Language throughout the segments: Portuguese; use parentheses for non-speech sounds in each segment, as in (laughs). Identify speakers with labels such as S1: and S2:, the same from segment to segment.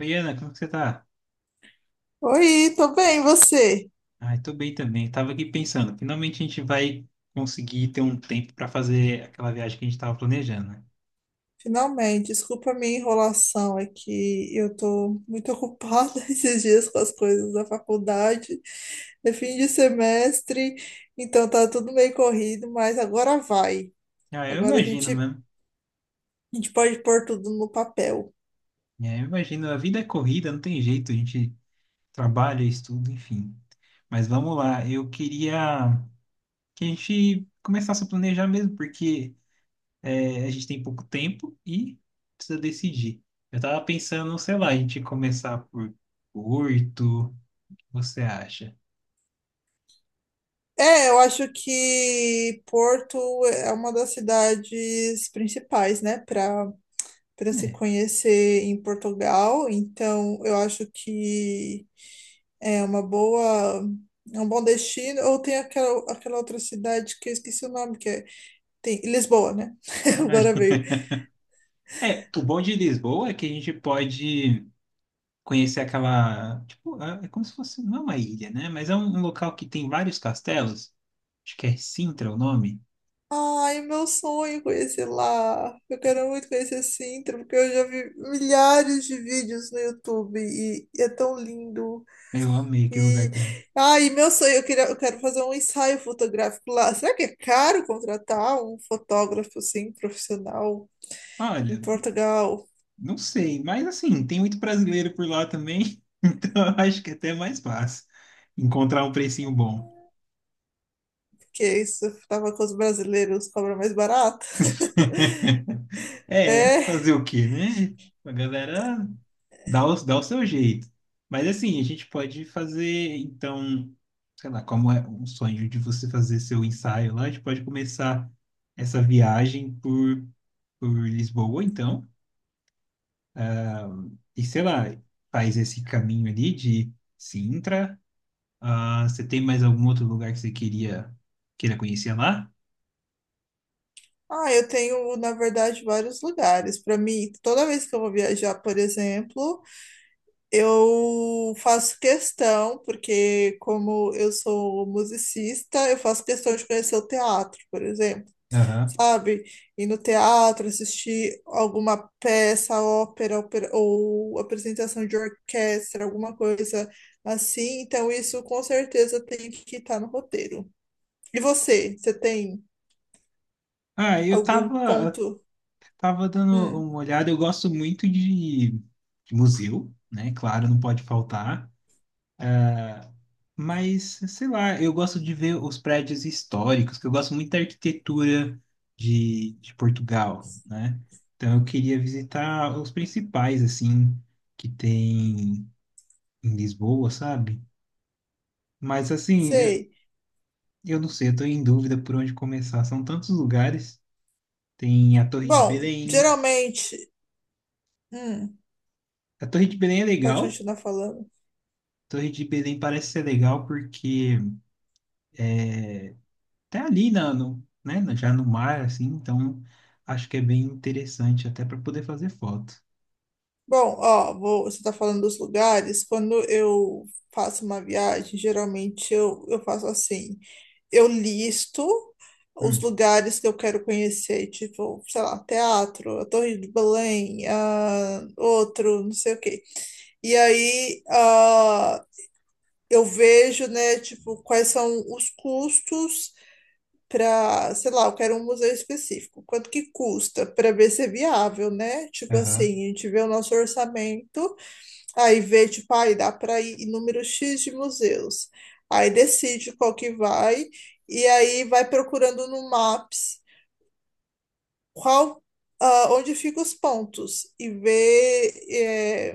S1: Oi, Ana, como que você tá?
S2: Oi, tô bem, e você?
S1: Ai, tô bem também. Tava aqui pensando, finalmente a gente vai conseguir ter um tempo para fazer aquela viagem que a gente tava planejando, né?
S2: Finalmente, desculpa a minha enrolação, é que eu tô muito ocupada (laughs) esses dias com as coisas da faculdade, é fim de semestre, então tá tudo meio corrido, mas agora vai.
S1: Ah, eu
S2: Agora a
S1: imagino
S2: gente, a
S1: mesmo.
S2: gente pode pôr tudo no papel.
S1: É, eu imagino, a vida é corrida, não tem jeito, a gente trabalha, estuda, enfim. Mas vamos lá, eu queria que a gente começasse a planejar mesmo, porque a gente tem pouco tempo e precisa decidir. Eu tava pensando, sei lá, a gente começar por Porto, o que você acha?
S2: É, eu acho que Porto é uma das cidades principais, né, para se conhecer em Portugal, então eu acho que é uma boa, é um bom destino. Ou tem aquela outra cidade que eu esqueci o nome, que é, tem Lisboa, né? (laughs) Agora
S1: É.
S2: veio.
S1: É, o bom de Lisboa é que a gente pode conhecer aquela, tipo, é como se fosse, não é uma ilha, né? Mas é um local que tem vários castelos. Acho que é Sintra o nome.
S2: Ai, meu sonho é conhecer lá. Eu quero muito conhecer Sintra, porque eu já vi milhares de vídeos no YouTube e é tão lindo.
S1: Eu amei aquele lugar
S2: E
S1: também.
S2: ai, meu sonho, eu quero fazer um ensaio fotográfico lá. Será que é caro contratar um fotógrafo assim, profissional em
S1: Olha,
S2: Portugal?
S1: não sei, mas assim, tem muito brasileiro por lá também, (laughs) então eu acho que é até mais fácil encontrar um precinho bom.
S2: Porque isso tava com os brasileiros, cobra mais barato. (laughs)
S1: (laughs) É,
S2: É.
S1: fazer o quê, né? A galera dá o, dá o seu jeito. Mas assim, a gente pode fazer, então, sei lá, como é um sonho de você fazer seu ensaio lá, a gente pode começar essa viagem por Lisboa, então. Ah, e sei lá, faz esse caminho ali de Sintra. Ah, você tem mais algum outro lugar que você queria queira conhecer lá?
S2: Ah, eu tenho, na verdade, vários lugares. Para mim, toda vez que eu vou viajar, por exemplo, eu faço questão, porque como eu sou musicista, eu faço questão de conhecer o teatro, por exemplo.
S1: Aham.
S2: Sabe? Ir no teatro, assistir alguma peça, ópera, ou apresentação de orquestra, alguma coisa assim. Então, isso com certeza tem que estar no roteiro. E você tem
S1: Ah,
S2: algum ponto?
S1: tava dando uma
S2: Hum,
S1: olhada. Eu gosto muito de museu, né? Claro, não pode faltar. Ah, mas, sei lá, eu gosto de ver os prédios históricos, que eu gosto muito da arquitetura de Portugal, né? Então eu queria visitar os principais, assim, que tem em Lisboa, sabe? Mas, assim,
S2: sei.
S1: eu não sei, eu tô em dúvida por onde começar. São tantos lugares. Tem a Torre de
S2: Bom,
S1: Belém.
S2: geralmente. Hum,
S1: A Torre de Belém é
S2: Pode
S1: legal.
S2: continuar falando.
S1: A Torre de Belém parece ser legal porque até ali na, no, né, na- já no mar, assim, então acho que é bem interessante até para poder fazer foto.
S2: Bom, ó, você está falando dos lugares. Quando eu faço uma viagem, geralmente eu faço assim. Eu listo os
S1: Hum,
S2: lugares que eu quero conhecer, tipo, sei lá, teatro, a Torre de Belém, ah, outro, não sei o quê. E aí, ah, eu vejo, né, tipo, quais são os custos para, sei lá, eu quero um museu específico. Quanto que custa para ver se é viável, né? Tipo
S1: aham.
S2: assim, a gente vê o nosso orçamento. Aí vê, tipo, aí dá para ir em número X de museus. Aí decide qual que vai, e aí vai procurando no Maps qual, ah, onde ficam os pontos, e vê,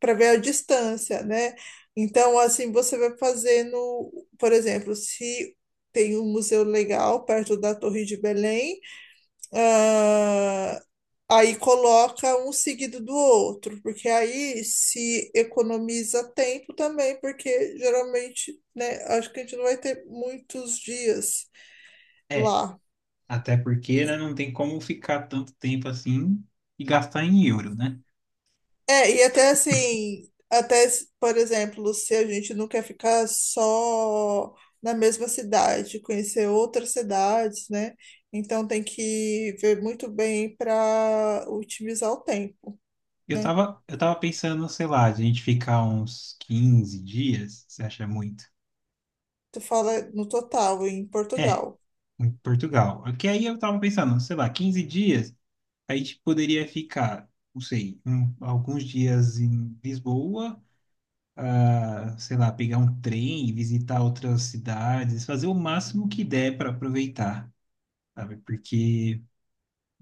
S2: para ver a distância, né? Então, assim, você vai fazendo, por exemplo, se tem um museu legal perto da Torre de Belém, ah, aí coloca um seguido do outro, porque aí se economiza tempo também, porque geralmente, né, acho que a gente não vai ter muitos dias
S1: É,
S2: lá.
S1: até porque, né, não tem como ficar tanto tempo assim e gastar em euro, né?
S2: É, e até assim, até, por exemplo, se a gente não quer ficar só na mesma cidade, conhecer outras cidades, né? Então tem que ver muito bem para otimizar o tempo, né?
S1: Eu tava pensando, sei lá, de a gente ficar uns 15 dias, você acha muito?
S2: Tu fala no total, em
S1: É,
S2: Portugal.
S1: em Portugal. Porque aí eu tava pensando, sei lá, 15 dias, a gente poderia ficar, não sei, um- alguns dias em Lisboa, ah, sei lá, pegar um trem e visitar outras cidades, fazer o máximo que der para aproveitar, sabe? Porque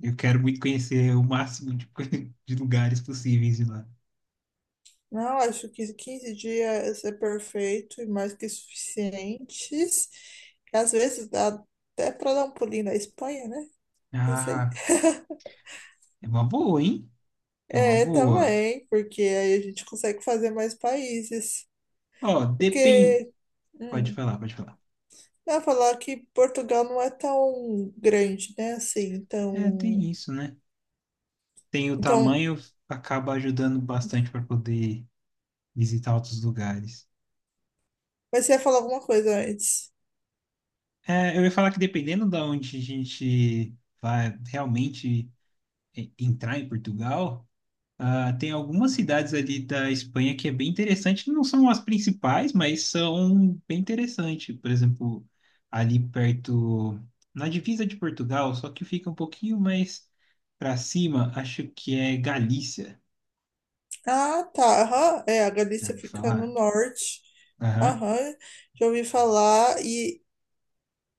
S1: eu quero muito conhecer o máximo de, (laughs) de lugares possíveis de lá.
S2: Não, acho que 15 dias é perfeito e mais que suficientes. Às vezes dá até para dar um pulinho na Espanha, né? Não sei.
S1: Ah, é uma boa, hein? É uma
S2: É,
S1: boa.
S2: também, porque aí a gente consegue fazer mais países.
S1: Ó, depende.
S2: Porque,
S1: Pode
S2: hum,
S1: falar, pode falar.
S2: eu ia falar que Portugal não é tão grande, né? Assim,
S1: É, tem
S2: então,
S1: isso, né? Tem o
S2: então
S1: tamanho, acaba ajudando bastante para poder visitar outros lugares.
S2: Mas você ia falar alguma coisa antes.
S1: É, eu ia falar que dependendo da onde a gente vai realmente é, entrar em Portugal. Ah, tem algumas cidades ali da Espanha que é bem interessante, não são as principais, mas são bem interessantes. Por exemplo, ali perto, na divisa de Portugal, só que fica um pouquinho mais para cima, acho que é Galícia.
S2: Ah, tá. Aham. É, a
S1: Já
S2: Galícia
S1: ouviu
S2: fica no
S1: falar?
S2: norte.
S1: Aham.
S2: Aham. Já ouvi falar.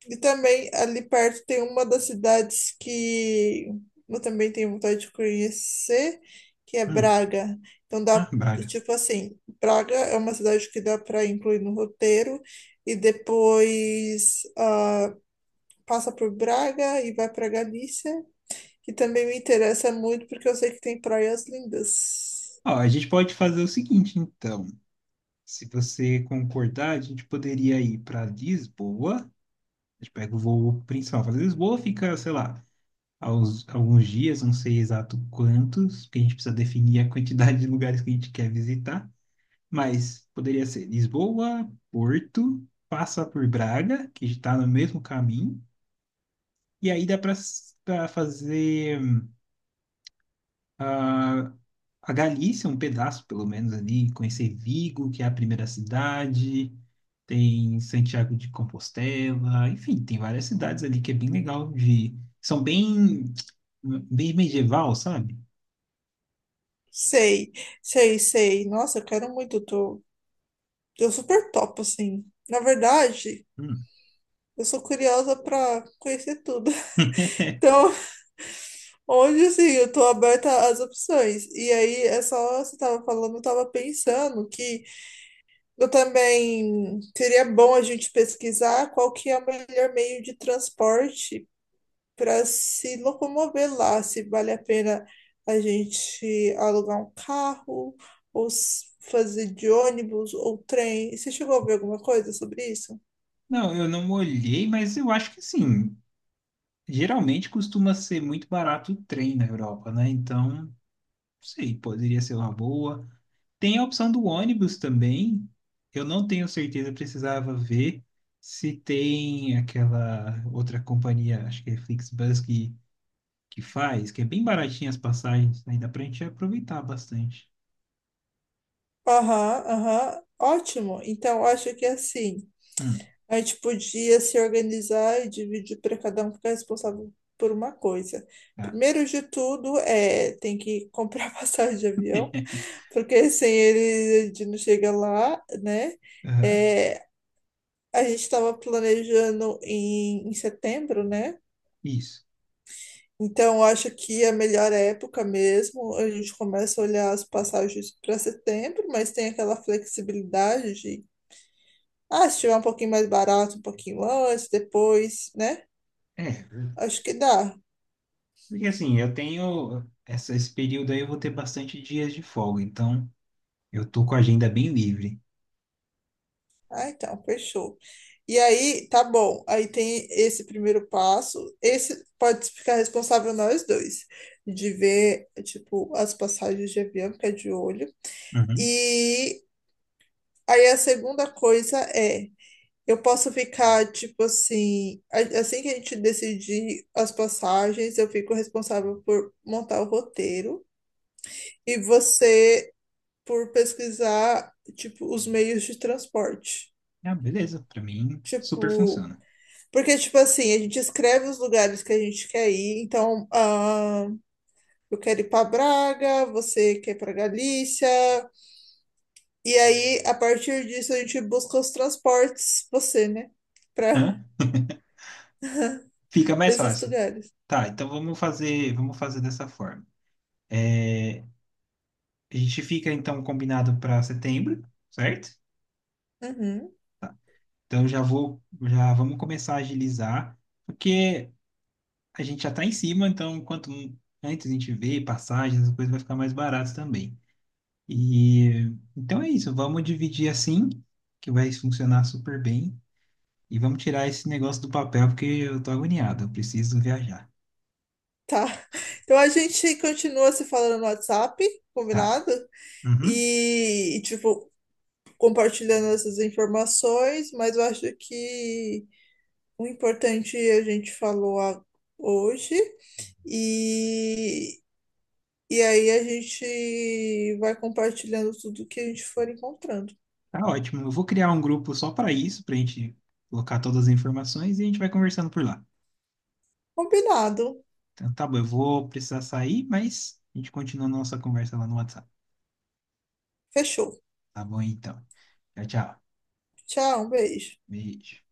S2: E também ali perto tem uma das cidades que eu também tenho vontade de conhecer, que é
S1: Hum.
S2: Braga. Então
S1: Ah,
S2: dá,
S1: Braga.
S2: tipo assim, Braga é uma cidade que dá para incluir no roteiro e depois ah, passa por Braga e vai para Galícia, que também me interessa muito porque eu sei que tem praias lindas.
S1: Ó, a gente pode fazer o seguinte, então. Se você concordar, a gente poderia ir para Lisboa. A gente pega o voo principal para Lisboa, fica, sei lá, aos, alguns dias, não sei exato quantos, porque a gente precisa definir a quantidade de lugares que a gente quer visitar, mas poderia ser Lisboa, Porto, passa por Braga, que está no mesmo caminho, e aí dá para fazer, ah, a Galícia, um pedaço pelo menos ali, conhecer Vigo, que é a primeira cidade. Tem Santiago de Compostela, enfim, tem várias cidades ali que é bem legal de. São bem, bem medieval, sabe?
S2: Sei, sei, sei. Nossa, eu quero muito, tô, eu super topo assim. Na verdade,
S1: Hum.
S2: eu sou curiosa para conhecer tudo. (laughs)
S1: (laughs)
S2: Então, hoje assim, eu tô aberta às opções. E aí, é só você tava falando, eu tava pensando que eu também seria bom a gente pesquisar qual que é o melhor meio de transporte para se locomover lá, se vale a pena a gente alugar um carro ou fazer de ônibus ou trem. Você chegou a ver alguma coisa sobre isso?
S1: Não, eu não olhei, mas eu acho que sim. Geralmente costuma ser muito barato o trem na Europa, né? Então, não sei, poderia ser uma boa. Tem a opção do ônibus também. Eu não tenho certeza, precisava ver se tem aquela outra companhia, acho que é Flixbus, que faz, que é bem baratinha as passagens, né? Dá pra gente aproveitar bastante.
S2: Aham, aham, ótimo. Então, eu acho que assim.
S1: Hum,
S2: A gente podia se organizar e dividir para cada um ficar responsável por uma coisa.
S1: tá.
S2: Primeiro de tudo, é, tem que comprar (laughs) passagem de avião,
S1: (laughs)
S2: porque sem ele a gente não chega lá, né?
S1: Aham,
S2: É, a gente estava planejando em, setembro, né?
S1: isso.
S2: Então, eu acho que é a melhor época mesmo. A gente começa a olhar as passagens para setembro, mas tem aquela flexibilidade de, ah, se tiver um pouquinho mais barato, um pouquinho antes, depois, né?
S1: É,
S2: Acho que dá.
S1: porque assim, eu tenho essa- esse período aí, eu vou ter bastante dias de folga, então eu tô com a agenda bem livre.
S2: Ah, então, fechou. E aí, tá bom. Aí tem esse primeiro passo. Esse pode ficar responsável nós dois, de ver, tipo, as passagens de avião, ficar de olho.
S1: Uhum.
S2: E aí a segunda coisa é, eu posso ficar, tipo assim, assim que a gente decidir as passagens, eu fico responsável por montar o roteiro e você por pesquisar, tipo, os meios de transporte.
S1: Ah, beleza, pra mim super
S2: Tipo,
S1: funciona.
S2: porque, tipo assim, a gente escreve os lugares que a gente quer ir. Então, ah, eu quero ir para Braga, você quer ir para Galícia. E aí, a partir disso, a gente busca os transportes, você, né? Para
S1: Hã? Fica
S2: (laughs)
S1: mais
S2: esses
S1: fácil.
S2: lugares.
S1: Tá, então vamos fazer dessa forma. A gente fica então combinado para setembro, certo?
S2: Uhum,
S1: Então já vamos começar a agilizar, porque a gente já tá em cima, então quanto antes a gente vê passagens, as coisas vai ficar mais barato também. E então é isso, vamos dividir assim, que vai funcionar super bem. E vamos tirar esse negócio do papel, porque eu tô agoniado, eu preciso viajar.
S2: tá. (laughs) Então, a gente continua se falando no WhatsApp,
S1: Tá.
S2: combinado?
S1: Uhum.
S2: E, tipo, compartilhando essas informações. Mas eu acho que o importante é a gente falou hoje. E E aí a gente vai compartilhando tudo que a gente for encontrando.
S1: Tá ótimo. Eu vou criar um grupo só para isso, pra gente colocar todas as informações e a gente vai conversando por lá.
S2: Combinado.
S1: Então tá bom, eu vou precisar sair, mas a gente continua a nossa conversa lá no WhatsApp.
S2: Fechou.
S1: Tá bom, então. Tchau, tchau.
S2: Tchau, um beijo.
S1: Beijo.